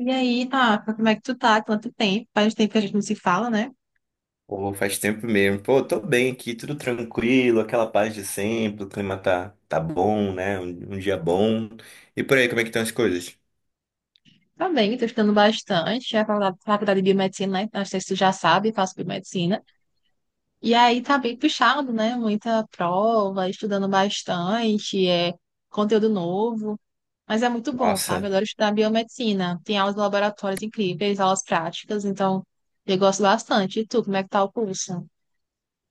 E aí, tá, como é que tu tá? Quanto tempo? Faz tempo que a gente não se fala, né? Pô, faz tempo mesmo. Pô, tô bem aqui, tudo tranquilo, aquela paz de sempre, o clima tá bom, né? Um dia bom. E por aí, como é que estão as coisas? Tá bem, tô estudando bastante. É a faculdade de biomedicina, né? Não sei se tu já sabe, faço biomedicina. E aí tá bem puxado, né? Muita prova, estudando bastante, é conteúdo novo. Mas é muito bom, sabe? Eu Nossa. adoro estudar biomedicina. Tem aulas de laboratórios incríveis, aulas práticas, então eu gosto bastante. E tu, como é que tá o curso?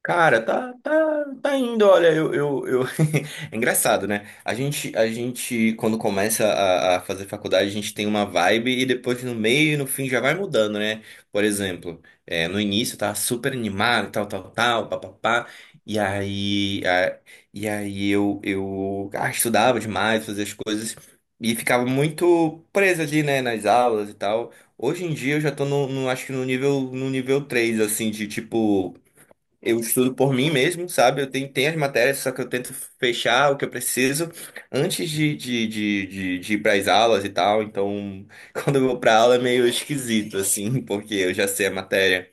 Cara, tá indo, olha, É engraçado, né? A gente, quando começa a fazer faculdade, a gente tem uma vibe e depois no meio e no fim já vai mudando, né? Por exemplo, no início eu tava super animado, tal, tal, tal, papapá, e aí, e aí eu estudava demais, fazia as coisas e ficava muito preso ali, né, nas aulas e tal. Hoje em dia eu já tô no, acho que no nível, no nível 3 assim, de tipo. Eu estudo por mim mesmo, sabe? Eu tenho as matérias, só que eu tento fechar o que eu preciso antes de ir para as aulas e tal. Então, quando eu vou para aula é meio esquisito, assim, porque eu já sei a matéria.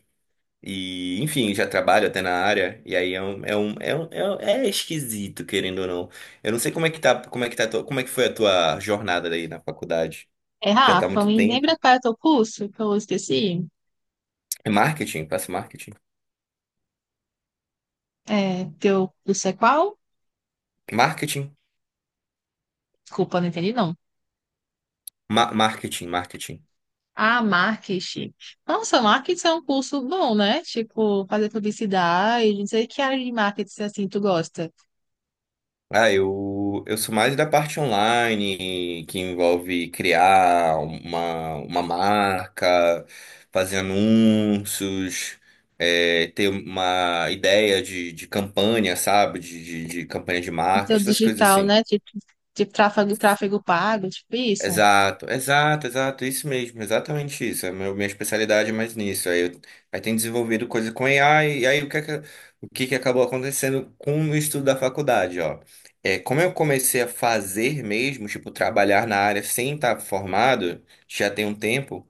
E, enfim, já trabalho até na área. E aí é esquisito, querendo ou não. Eu não sei como é que tá a como é que foi a tua jornada aí na faculdade. É, Já tá há Rafa, muito me tempo. lembra qual é o teu curso? Que eu esqueci. É marketing, faço marketing. É, teu curso é qual? Marketing, Desculpa, não entendi não. ma marketing, marketing. Ah, marketing. Nossa, marketing é um curso bom, né? Tipo, fazer publicidade, não sei que área de marketing assim tu gosta. Ah, eu sou mais da parte online, que envolve criar uma marca, fazer anúncios, é, ter uma ideia de campanha, sabe? De campanha de marketing, Conteúdo essas coisas digital, assim. né? Tipo, tipo tráfego, tráfego pago, tipo isso. Exato, exato, exato, isso mesmo, exatamente isso. É a minha especialidade é mais nisso. Aí tem desenvolvido coisa com AI, e aí o que que acabou acontecendo com o estudo da faculdade, ó. É, como eu comecei a fazer mesmo, tipo, trabalhar na área sem estar formado, já tem um tempo,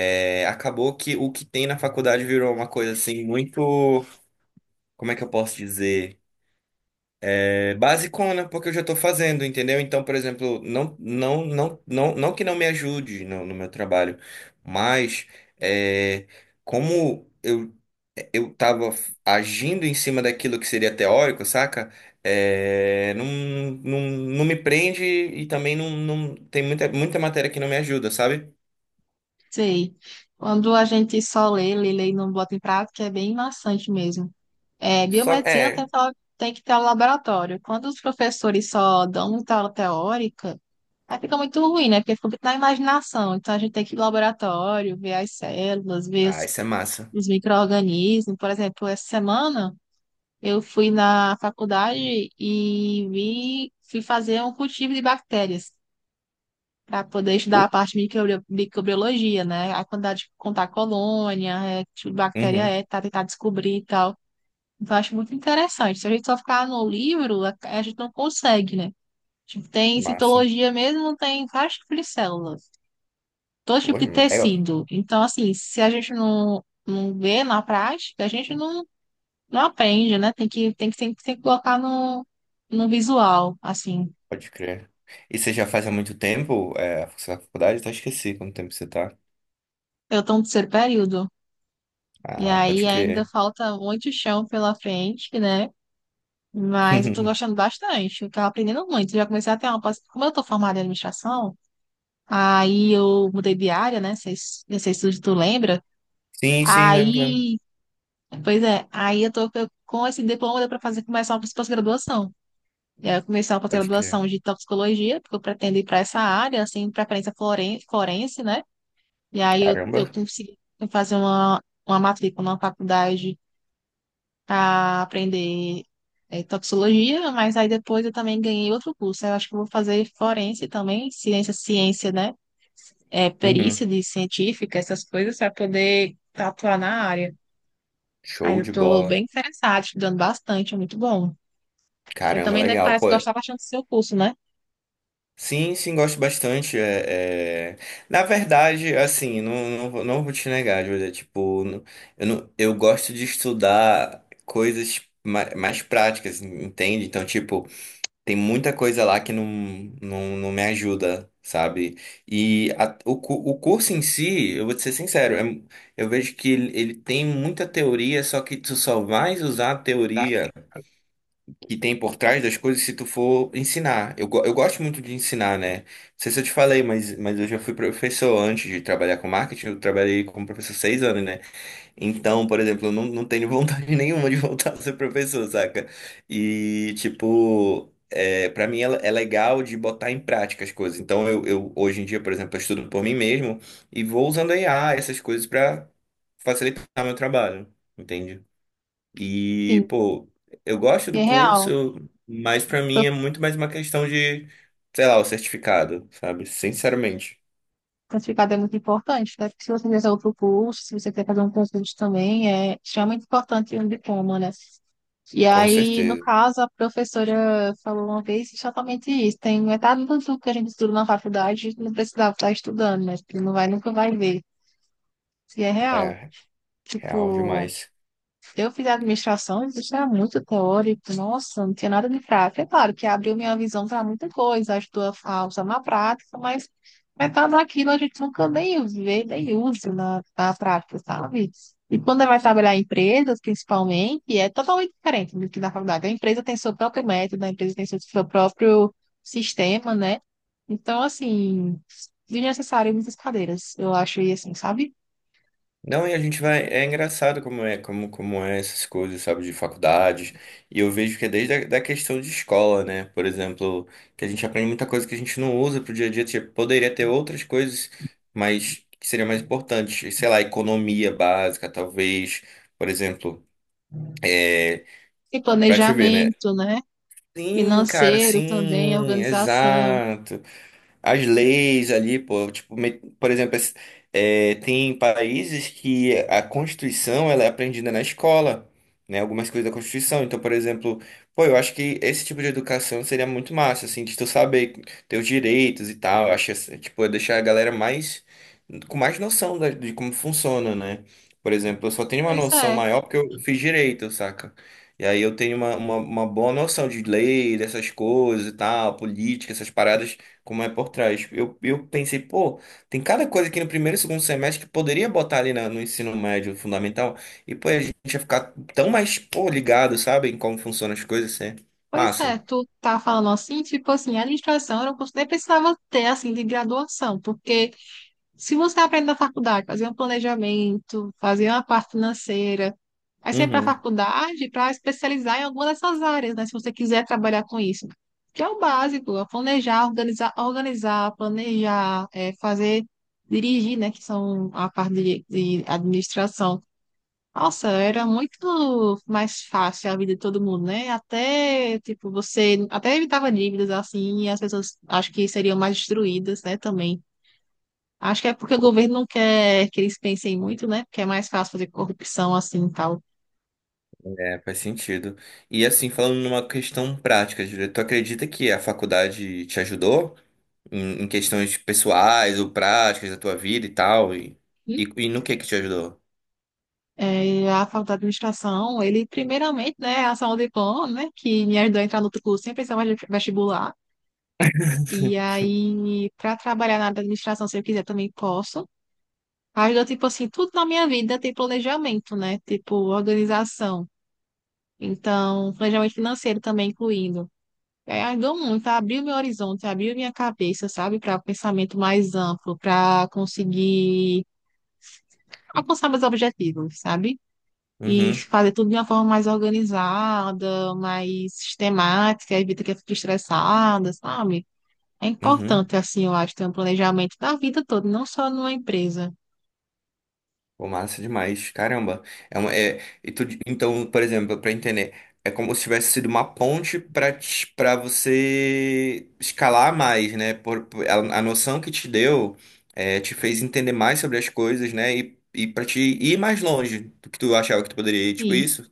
é, acabou que o que tem na faculdade virou uma coisa assim muito, como é que eu posso dizer? É basicona, porque eu já estou fazendo, entendeu? Então, por exemplo, não que não me ajude no meu trabalho, mas é, como eu estava agindo em cima daquilo que seria teórico, saca? É, não me prende e também não, não tem muita matéria que não me ajuda, sabe? Sei. Quando a gente só lê, lê, lê e não bota em prática, é bem maçante mesmo. É, Só biomedicina tem, é. só- tem que ter o laboratório. Quando os professores só dão muita aula teórica, aí fica muito ruim, né? Porque fica muito na imaginação. Então a gente tem que ir ao laboratório, ver as células, ver Ah, isso é massa. os micro-organismos. Por exemplo, essa semana eu fui na faculdade e vi, fui fazer um cultivo de bactérias para poder estudar a parte de microbio- microbiologia, né? A quantidade de contar colônia, é, que tipo de bactéria Uhum, é, tá, tentar descobrir e tal. Então, eu acho muito interessante. Se a gente só ficar no livro, a gente não consegue, né? Tipo, tem massa. citologia mesmo, tem vários tipos de células, todo Pô, tipo de é. tecido. Então, assim, se a gente não vê na prática, a gente não não aprende, né? Tem que sempre, tem que colocar no, no visual, assim. Pode crer. E você já faz há muito tempo, é, você tá na faculdade? Até esqueci quanto tempo você tá. Eu tô no terceiro período. E Ah, aí pode ainda crer. falta muito chão pela frente, né? Mas eu tô gostando bastante. Eu tava aprendendo muito. Já comecei a ter uma... pos- Como eu tô formada em administração, aí eu mudei de área, né? Vocês- Não sei se tu lembra. Sim, sim, lembro, lembro. Aí... Pois é. Aí eu tô eu- com esse diploma deu pra fazer, começar uma pós-graduação. E aí eu comecei uma Pode crer. pós-graduação de toxicologia, porque eu pretendo ir para essa área, assim, preferência floren- forense, né? E aí eu Caramba. consegui fazer uma matrícula numa faculdade para aprender toxicologia, mas aí depois eu também ganhei outro curso. Eu acho que eu vou fazer forense também, ciência, né? É, Uhum. perícia de científica, essas coisas, para poder atuar na área. Aí Show eu de estou bola. bem interessada, estudando bastante, é muito bom. Você Caramba, também, né, legal, parece pô. que gostar bastante do seu curso, né? Sim, sim, gosto bastante. É, é... Na verdade, assim, não vou te negar, Julia. Tipo, eu, não, eu gosto de estudar coisas mais práticas, entende? Então, tipo, tem muita coisa lá que não me ajuda, sabe? E o curso em si, eu vou te ser sincero, eu vejo que ele tem muita teoria, só que tu só vai usar a Tá? teoria que tem por trás das coisas se tu for ensinar. Eu gosto muito de ensinar, né? Não sei se eu te falei, mas eu já fui professor antes de trabalhar com marketing, eu trabalhei como professor 6 anos, né? Então, por exemplo, eu não tenho vontade nenhuma de voltar a ser professor, saca? E, tipo, é, para mim é, é legal de botar em prática as coisas. Então, eu hoje em dia, por exemplo, eu estudo por mim mesmo e vou usando a IA, essas coisas, pra facilitar meu trabalho, entende? Sim, E, pô, eu gosto do é real. curso, mas pra mim é muito mais uma questão de, sei lá, o certificado, sabe? Sinceramente, Certificado é muito importante, né? Porque se você fizer outro curso, se você quer fazer um concurso também, é extremamente importante um diploma, né? E com aí, no certeza. caso, a professora falou uma vez exatamente isso. Tem metade do tudo que a gente estuda na faculdade, a gente não precisava estar estudando, né? Porque não vai, nunca vai ver se é real. É real Tipo, demais. eu fiz administração, isso era muito teórico, nossa, não tinha nada de prática. É claro que abriu minha visão para muita coisa, ajudou a usar na prática, mas metade daquilo a gente nunca nem vê, nem usa na prática, sabe? E quando vai trabalhar em empresas, principalmente, é totalmente diferente do que na faculdade. A empresa tem seu próprio método, a empresa tem seu próprio sistema, né? Então, assim, desnecessário muitas cadeiras, eu acho, e assim, sabe? Não, e a gente vai. É engraçado como é, como, como é essas coisas, sabe, de faculdades. E eu vejo que é desde a da questão de escola, né? Por exemplo, que a gente aprende muita coisa que a gente não usa pro dia a dia. Tipo, poderia ter outras coisas, mas que seriam mais importantes. Sei lá, economia básica, talvez. Por exemplo, é, E pra te ver, né? planejamento, né? Sim, cara, Financeiro também, sim, organização. exato, as leis ali, pô, tipo, por exemplo, é, tem países que a Constituição ela é aprendida na escola, né? Algumas coisas da Constituição. Então, por exemplo, pô, eu acho que esse tipo de educação seria muito massa, assim, de tu saber teus direitos e tal. Eu acho, assim, tipo, é deixar a galera mais com mais noção de como funciona, né? Por exemplo, eu só tenho uma Pois noção é, maior porque eu fiz direito, saca? E aí eu tenho uma boa noção de lei, dessas coisas e tal, política, essas paradas como é por trás. Eu pensei, pô, tem cada coisa aqui no primeiro e segundo semestre que poderia botar ali no ensino médio fundamental, e pô, a gente ia ficar tão mais, pô, ligado, sabe, em como funcionam as coisas, assim. pois é. Massa. Tu tá falando assim, tipo assim, administração era um curso que nem precisava ter, assim, de graduação, porque se você aprende na faculdade, fazer um planejamento, fazer uma parte financeira, aí você vai para a Uhum. faculdade para especializar em alguma dessas áreas, né? Se você quiser trabalhar com isso. Que é o básico, é planejar, organizar, organizar, planejar, é, fazer, dirigir, né? Que são a parte de administração. Nossa, era muito mais fácil a vida de todo mundo, né? Até, tipo, você até evitava dívidas assim, e as pessoas acho que seriam mais destruídas, né, também. Acho que é porque o governo não quer que eles pensem muito, né? Porque é mais fácil fazer corrupção assim e tal. É, faz sentido. E assim, falando numa questão prática, Júlia, tu acredita que a faculdade te ajudou em, em questões pessoais ou práticas da tua vida e tal? E, Hum? E no que te ajudou? É, a faculdade de administração, ele primeiramente, né, a Saúde Plano, né, que me ajudou a entrar no outro curso sem precisar mais de vestibular. E aí, para trabalhar na área da administração, se eu quiser, também posso. Mas tipo assim, tudo na minha vida tem planejamento, né? Tipo, organização. Então, planejamento financeiro também incluindo. É, ajudou muito, abriu meu horizonte, abriu minha cabeça, sabe? Para um pensamento mais amplo, para conseguir alcançar meus objetivos, sabe? E Uhum, fazer tudo de uma forma mais organizada, mais sistemática, evita que eu fique estressada, sabe? É uhum. importante, assim, eu acho, ter um planejamento da vida toda, não só numa empresa. Pô, massa demais. Caramba. É uma, é, então, por exemplo, para entender, é como se tivesse sido uma ponte para você escalar mais, né? A noção que te deu é, te fez entender mais sobre as coisas, né? E para te ir mais longe do que tu achava que tu poderia ir, tipo isso?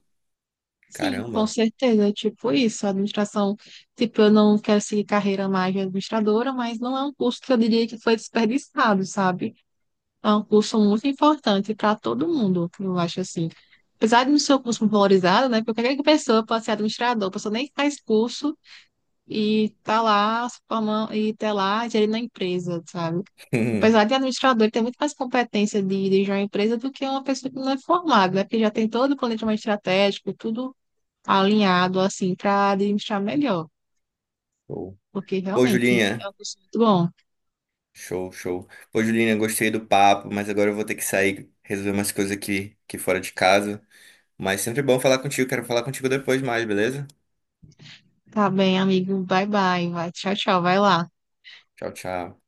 Sim, com Caramba. certeza, é tipo isso, a administração, tipo, eu não quero seguir carreira mais de administradora, mas não é um curso que eu diria que foi desperdiçado, sabe? É um curso muito importante para todo mundo, eu acho assim. Apesar de não ser um curso muito valorizado, né, porque qualquer pessoa pode ser administrador, a pessoa nem faz curso e tá lá, se forma- e tá lá gerindo a empresa, sabe? Hum. Apesar de administrador ter muito mais competência de dirigir uma empresa do que uma pessoa que não é formada, né? Porque já tem todo o planejamento estratégico, tudo alinhado assim para administrar melhor, Show. porque Pô, realmente Julinha. é um curso muito bom. Show, show. Pô, Julinha, gostei do papo, mas agora eu vou ter que sair resolver umas coisas aqui, aqui fora de casa. Mas sempre bom falar contigo. Quero falar contigo depois mais, beleza? Tá bem, amigo. Bye bye. Vai, tchau, tchau. Vai lá. Tchau, tchau.